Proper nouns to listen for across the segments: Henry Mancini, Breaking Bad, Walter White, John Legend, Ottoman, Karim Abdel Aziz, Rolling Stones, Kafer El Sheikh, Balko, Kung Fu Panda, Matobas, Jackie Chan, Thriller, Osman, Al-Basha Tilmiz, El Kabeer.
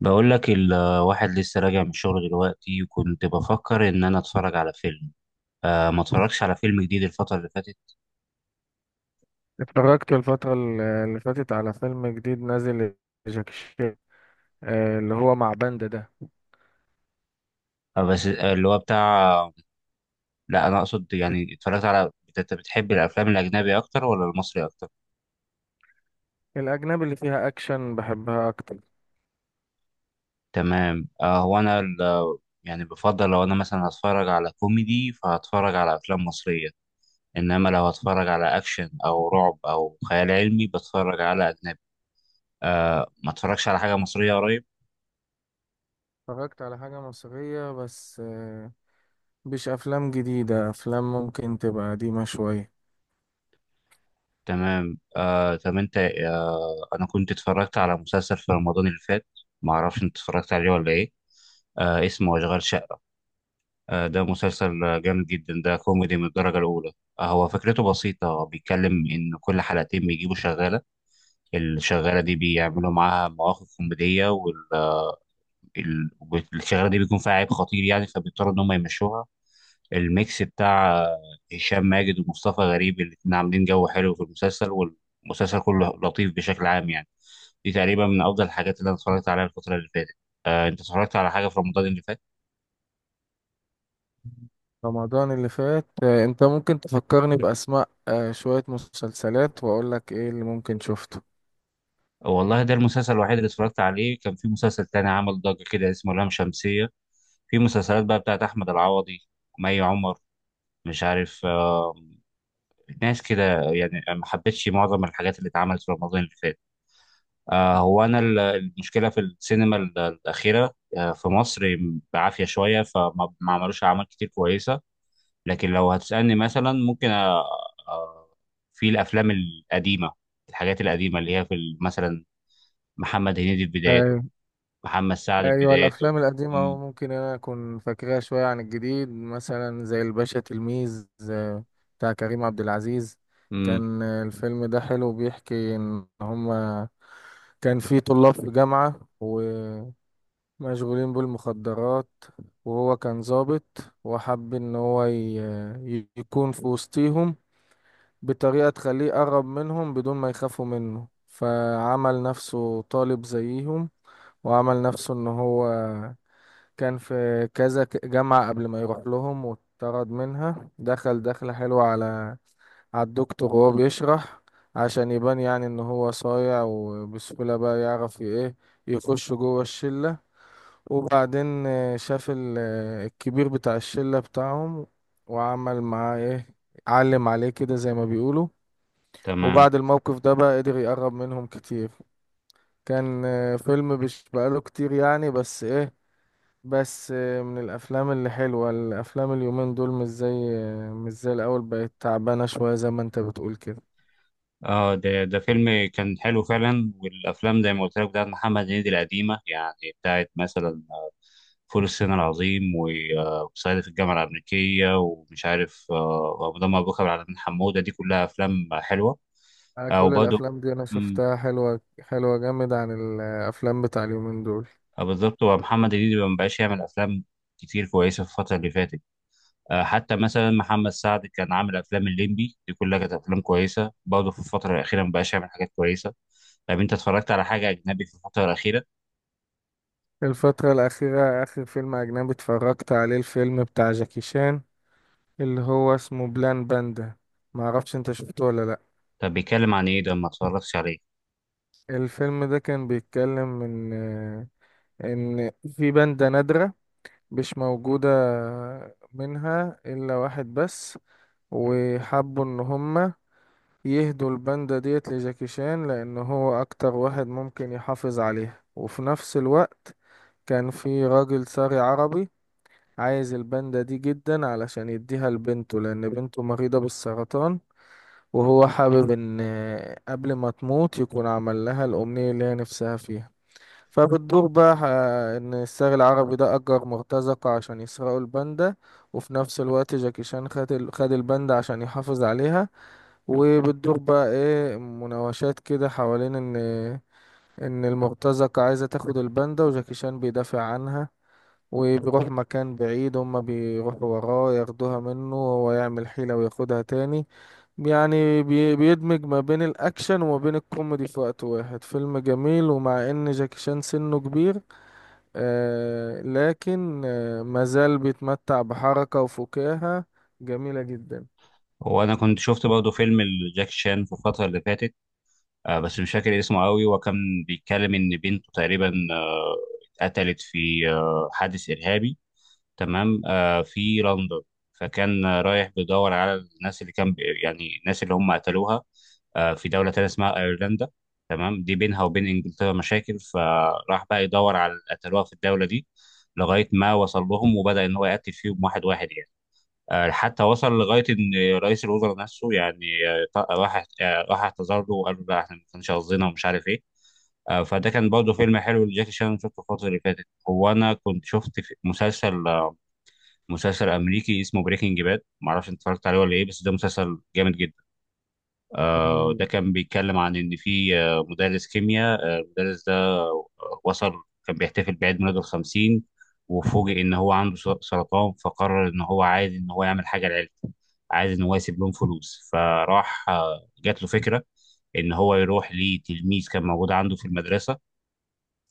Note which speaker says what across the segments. Speaker 1: بقول لك الواحد لسه راجع من الشغل دلوقتي، وكنت بفكر ان انا اتفرج على فيلم. ما اتفرجش على فيلم جديد الفترة اللي فاتت.
Speaker 2: اتفرجت الفترة اللي فاتت على فيلم جديد نازل لجاكي شان، اللي هو مع باندا ده.
Speaker 1: بس اللي هو بتاع. لا، انا اقصد يعني اتفرجت على. انت بتحب الافلام الاجنبي اكتر ولا المصري اكتر؟
Speaker 2: الأجنبي اللي فيها أكشن بحبها أكتر.
Speaker 1: تمام. هو انا يعني بفضل لو انا مثلا هتفرج على كوميدي فهتفرج على افلام مصرية. انما لو هتفرج على اكشن او رعب او خيال علمي بتفرج على اجنبي. ما اتفرجش على حاجة مصرية قريب.
Speaker 2: اتفرجت على حاجة مصرية، بس مش أفلام جديدة، أفلام ممكن تبقى قديمة شوية.
Speaker 1: تمام. طب انت، انا كنت اتفرجت على مسلسل في رمضان اللي فات. ما اعرفش انت اتفرجت عليه ولا ايه؟ اسمه اشغال شقة. ده مسلسل جامد جدا. ده كوميدي من الدرجة الاولى. هو فكرته بسيطة، بيتكلم ان كل حلقتين بيجيبوا شغالة. الشغالة دي بيعملوا معاها مواقف كوميدية. والشغالة دي بيكون فيها عيب خطير يعني، فبيضطروا ان هم يمشوها. الميكس بتاع هشام ماجد ومصطفى غريب، الاتنين عاملين جو حلو في المسلسل. والمسلسل كله لطيف بشكل عام يعني. دي تقريبا من افضل الحاجات اللي انا اتفرجت عليها الفتره اللي فاتت. انت اتفرجت على حاجه في رمضان اللي فات؟
Speaker 2: رمضان اللي فات، أنت ممكن تفكرني بأسماء شوية مسلسلات وأقولك إيه اللي ممكن شفته.
Speaker 1: والله ده المسلسل الوحيد اللي اتفرجت عليه. كان في مسلسل تاني عمل ضجه كده اسمه لام شمسيه. في مسلسلات بقى بتاعت احمد العوضي، مي عمر، مش عارف، ناس كده يعني. ما حبيتش معظم الحاجات اللي اتعملت في رمضان اللي فات. هو انا المشكله في السينما الاخيره في مصر بعافيه شويه، فما ما عملوش اعمال كتير كويسه. لكن لو هتسالني مثلا ممكن، في الافلام القديمه، الحاجات القديمه اللي هي في مثلا محمد هنيدي في بداياته، محمد سعد في
Speaker 2: ايوه،
Speaker 1: بداياته.
Speaker 2: الافلام القديمه
Speaker 1: امم
Speaker 2: ممكن انا اكون فاكرها شويه عن الجديد، مثلا زي الباشا تلميذ، بتاع كريم عبد العزيز.
Speaker 1: امم
Speaker 2: كان الفيلم ده حلو، بيحكي ان هما كان في طلاب في جامعه ومشغولين بالمخدرات، وهو كان ضابط وحب ان هو يكون في وسطيهم بطريقه تخليه قرب منهم بدون ما يخافوا منه، فعمل نفسه طالب زيهم، وعمل نفسه ان هو كان في كذا جامعة قبل ما يروح لهم واتطرد منها. دخل دخلة حلوة على الدكتور وهو بيشرح، عشان يبان يعني ان هو صايع، وبسهولة بقى يعرف ايه يخش جوه الشلة. وبعدين شاف الكبير بتاع الشلة بتاعهم، وعمل معاه ايه، علم عليه كده زي ما بيقولوا.
Speaker 1: تمام.
Speaker 2: وبعد الموقف ده بقى قدر يقرب منهم كتير. كان فيلم مش بقاله كتير يعني، بس ايه، بس من الافلام اللي حلوه. الافلام اليومين دول مش زي الاول، بقت تعبانه شويه زي ما انت بتقول كده.
Speaker 1: اه ده فيلم كان حلو فعلا، والافلام زي ما قلت لك بتاعت محمد هنيدي القديمه يعني، بتاعت مثلا فول الصين العظيم وصعيدي في الجامعه الامريكيه، ومش عارف، وابو مبروك، على بن حموده، دي كلها افلام حلوه.
Speaker 2: انا كل
Speaker 1: وبرضه
Speaker 2: الافلام دي انا
Speaker 1: مم،
Speaker 2: شفتها حلوه، حلوه جامد عن الافلام بتاع اليومين دول.
Speaker 1: بالظبط. ومحمد هنيدي ما بقاش يعمل افلام كتير كويسه في الفتره اللي فاتت. حتى مثلا محمد سعد كان عامل افلام الليمبي، دي كلها كانت افلام كويسه برضه. في الفتره الاخيره ما بقاش يعمل حاجات كويسه. طب انت اتفرجت على حاجه اجنبي في الفتره الاخيره؟
Speaker 2: الفتره الاخيره، اخر فيلم اجنبي اتفرجت عليه الفيلم بتاع جاكي شان، اللي هو اسمه بلان باندا، ما اعرفش انت شفته ولا لا.
Speaker 1: طب بيتكلم عن ايه ده؟ ما اتفرجتش عليه.
Speaker 2: الفيلم ده كان بيتكلم ان ان في باندا نادره مش موجوده، منها إلا واحد بس، وحبوا ان هما يهدوا الباندا ديت لجاكي شان، لان هو اكتر واحد ممكن يحافظ عليها. وفي نفس الوقت كان في راجل ساري عربي عايز الباندا دي جدا، علشان يديها لبنته، لان بنته مريضة بالسرطان، وهو حابب ان قبل ما تموت يكون عمل لها الامنية اللي هي نفسها فيها. فبتدور بقى ان الساري العربي ده اجر مرتزقة عشان يسرقوا الباندا، وفي نفس الوقت جاكي شان خد الباندا عشان يحافظ عليها. وبتدور بقى ايه مناوشات كده حوالين ان المرتزقة عايزة تاخد الباندا، وجاكي شان بيدافع عنها، وبيروح مكان بعيد، هما بيروحوا وراه ياخدوها منه، وهو يعمل حيلة وياخدها تاني. يعني بيدمج ما بين الأكشن وما بين الكوميدي في وقت واحد. فيلم جميل، ومع إن جاكي شان سنه كبير، لكن مازال بيتمتع بحركة وفكاهة جميلة جدا.
Speaker 1: وانا كنت شفت برضه فيلم لجاك شان في الفتره اللي فاتت، بس مش فاكر اسمه قوي. وكان بيتكلم ان بنته تقريبا اتقتلت في حادث ارهابي. تمام، في لندن. فكان رايح بيدور على الناس اللي كان يعني الناس اللي هم قتلوها في دولة تانية اسمها أيرلندا. تمام، دي بينها وبين إنجلترا مشاكل، فراح بقى يدور على اللي قتلوها في الدولة دي. لغاية ما وصل لهم وبدأ إن هو يقتل فيهم واحد واحد يعني. حتى وصل لغاية إن رئيس الوزراء نفسه يعني، راح اعتذر له وقال له لا، إحنا ما كانش قصدنا ومش عارف إيه. فده كان برضه فيلم حلو لجاكي شان، شفته الفترة اللي فاتت. هو أنا كنت شفت في مسلسل، مسلسل أمريكي اسمه بريكنج باد. معرفش أنت اتفرجت عليه ولا إيه، بس ده مسلسل جامد جدا. ده
Speaker 2: مم.
Speaker 1: كان بيتكلم عن ان في مدرس كيمياء. المدرس ده وصل، كان بيحتفل بعيد ميلاده الخمسين، وفوجئ ان هو عنده سرطان، فقرر ان هو عايز ان هو يعمل حاجه لعيلته. عايز ان هو يسيب لهم فلوس، فراح جات له فكره ان هو يروح لتلميذ كان موجود عنده في المدرسه.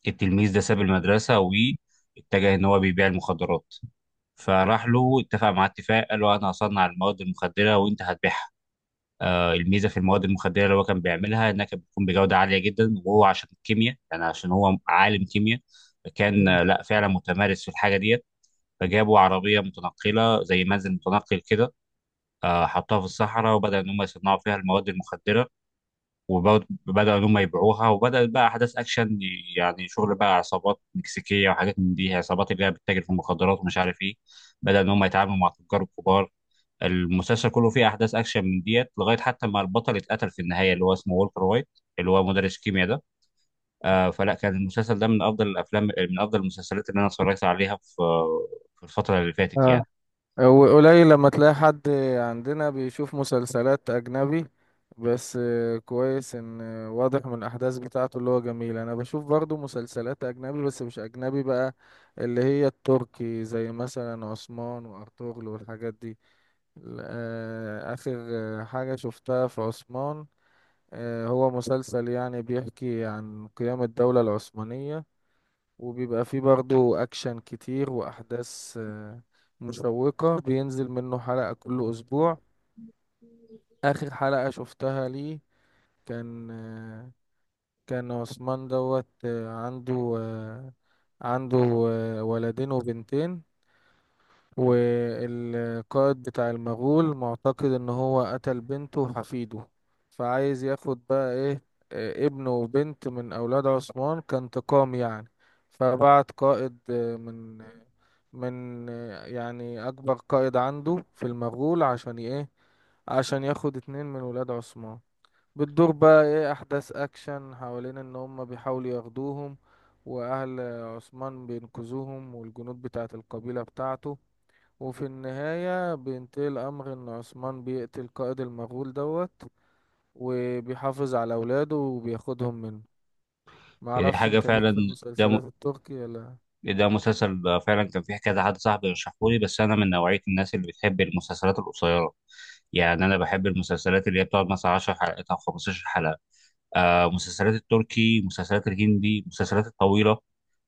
Speaker 1: التلميذ ده ساب المدرسه واتجه ان هو بيبيع المخدرات. فراح له اتفق معاه اتفاق، قال له انا هصنع المواد المخدره وانت هتبيعها. الميزه في المواد المخدره اللي هو كان بيعملها انها كانت بتكون بجوده عاليه جدا، وهو عشان الكيمياء يعني عشان هو عالم كيمياء، كان لا فعلا متمارس في الحاجه ديت. فجابوا عربيه متنقله زي منزل متنقل كده، حطوها في الصحراء، وبدا ان هم يصنعوا فيها المواد المخدره، وبداوا ان هم يبيعوها، وبدات بقى احداث اكشن. يعني شغل بقى عصابات مكسيكيه وحاجات من دي، عصابات اللي هي بتتاجر في المخدرات ومش عارف ايه. بدا ان هم يتعاملوا مع تجار كبار. المسلسل كله فيه احداث اكشن من ديت لغايه حتى ما البطل اتقتل في النهايه، اللي هو اسمه والتر وايت، اللي هو مدرس كيمياء ده. فلا، كان المسلسل ده من افضل الافلام، من افضل المسلسلات اللي انا اتفرجت عليها في الفتره اللي فاتت يعني.
Speaker 2: اه، وقليل لما تلاقي حد عندنا بيشوف مسلسلات أجنبي، بس كويس إن واضح من الأحداث بتاعته اللي هو جميل. أنا بشوف برضو مسلسلات أجنبي، بس مش أجنبي بقى، اللي هي التركي، زي مثلا عثمان وأرطغرل والحاجات دي. آخر حاجة شفتها في عثمان، هو مسلسل يعني بيحكي عن قيام الدولة العثمانية، وبيبقى فيه برضه أكشن كتير وأحداث مشوقة، بينزل منه حلقة كل أسبوع. آخر حلقة شفتها ليه، كان آه، كان عثمان دوت، عنده ولدين وبنتين. والقائد بتاع المغول معتقد ان هو قتل بنته وحفيده، فعايز ياخد بقى ايه، ابنه وبنت من اولاد عثمان كانتقام يعني. فبعت قائد، من يعني اكبر قائد عنده في المغول، عشان ايه، عشان ياخد اتنين من ولاد عثمان. بتدور بقى ايه احداث اكشن حوالين ان هم بيحاولوا ياخدوهم، واهل عثمان بينقذوهم والجنود بتاعت القبيلة بتاعته. وفي النهاية بينتهي الأمر إن عثمان بيقتل قائد المغول دوت، وبيحافظ على أولاده وبياخدهم منه.
Speaker 1: دي
Speaker 2: معرفش
Speaker 1: حاجه
Speaker 2: أنت ليك في
Speaker 1: فعلا.
Speaker 2: المسلسلات التركي ولا.
Speaker 1: ده مسلسل فعلا كان فيه كذا حد صاحبي رشحهولي، بس انا من نوعيه الناس اللي بتحب المسلسلات القصيره. يعني انا بحب المسلسلات اللي هي بتقعد مثلا 10 حلقات او 15 حلقه. مسلسلات التركي، مسلسلات الهندي، مسلسلات الطويله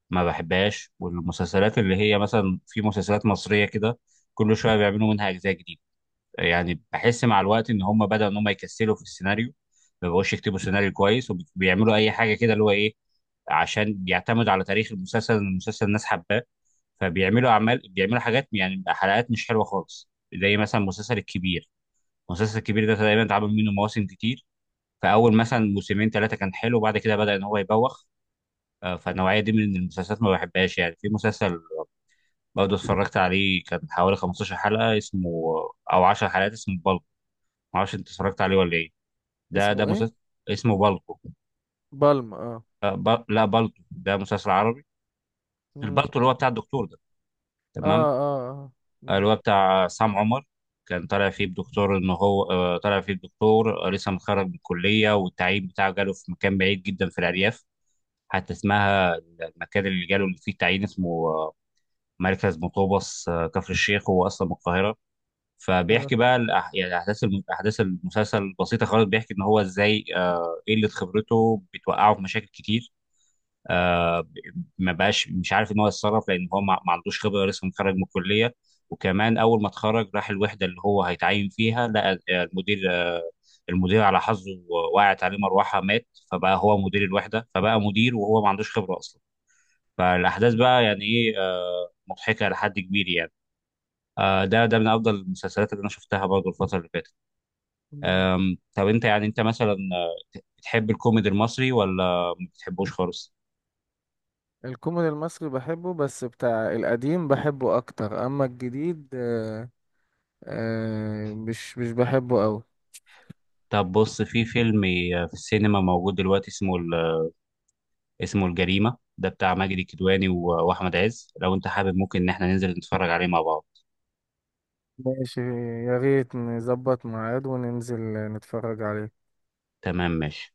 Speaker 1: ما بحبهاش. والمسلسلات اللي هي مثلا، في مسلسلات مصرية كده كل شوية بيعملوا منها أجزاء جديدة. يعني بحس مع الوقت إن هم بدأوا إن هم يكسلوا في السيناريو، ما بقوش يكتبوا سيناريو كويس وبيعملوا أي حاجة كده اللي هو إيه، عشان بيعتمد على تاريخ المسلسل، إن المسلسل الناس حباه. فبيعملوا أعمال، بيعملوا حاجات يعني حلقات مش حلوة خالص، زي مثلا مسلسل الكبير. المسلسل الكبير ده تقريبا اتعمل منه مواسم كتير، فأول مثلا موسمين ثلاثة كان حلو وبعد كده بدأ إن هو يبوخ. فالنوعية دي من المسلسلات ما بحبهاش يعني. في مسلسل برضه اتفرجت عليه كان حوالي 15 حلقة اسمه، أو 10 حلقات، اسمه بالكو. معرفش أنت اتفرجت عليه ولا إيه. ده
Speaker 2: اسمه إيه؟
Speaker 1: مسلسل اسمه بالكو.
Speaker 2: بالم آه.
Speaker 1: لا، بالكو ده مسلسل عربي.
Speaker 2: مم.
Speaker 1: البالكو اللي هو بتاع الدكتور ده.
Speaker 2: آه
Speaker 1: تمام.
Speaker 2: آه آه.
Speaker 1: اللي
Speaker 2: مم.
Speaker 1: هو بتاع سام عمر. كان طالع فيه بدكتور إن هو طالع فيه بدكتور لسه متخرج من الكلية، والتعيين بتاعه جاله في مكان بعيد جدا في الأرياف. حتى اسمها المكان اللي جاله اللي فيه التعيين اسمه مركز مطوبس، كفر الشيخ. هو أصلا من القاهرة. فبيحكي
Speaker 2: آه.
Speaker 1: بقى يعني احداث احداث المسلسل بسيطه خالص. بيحكي ان هو ازاي قله خبرته بتوقعه في مشاكل كتير. آه... ب- ما بقاش مش عارف ان هو يتصرف، لان هو ما عندوش خبره، لسه متخرج من الكليه. وكمان اول ما اتخرج راح الوحده اللي هو هيتعين فيها، لقى المدير المدير على حظه وقعت عليه مروحه، مات. فبقى هو مدير الوحده، فبقى مدير وهو ما عندوش خبره اصلا. فالاحداث بقى يعني ايه، مضحكه لحد كبير يعني. ده من افضل المسلسلات اللي انا شفتها برضه الفتره اللي فاتت.
Speaker 2: مم.
Speaker 1: طب انت يعني، انت مثلا بتحب الكوميدي المصري ولا ما بتحبوش خالص؟
Speaker 2: الكوميدي المصري بحبه، بس بتاع القديم بحبه أكتر، أما الجديد مش بحبه أوي.
Speaker 1: طب بص، في فيلم في السينما موجود دلوقتي اسمه اسمه الجريمة، ده بتاع ماجد الكدواني واحمد عز. لو انت حابب، ممكن ان احنا ننزل نتفرج عليه مع بعض.
Speaker 2: ماشي، يا ريت نظبط ميعاد وننزل نتفرج عليه.
Speaker 1: تمام، ماشي.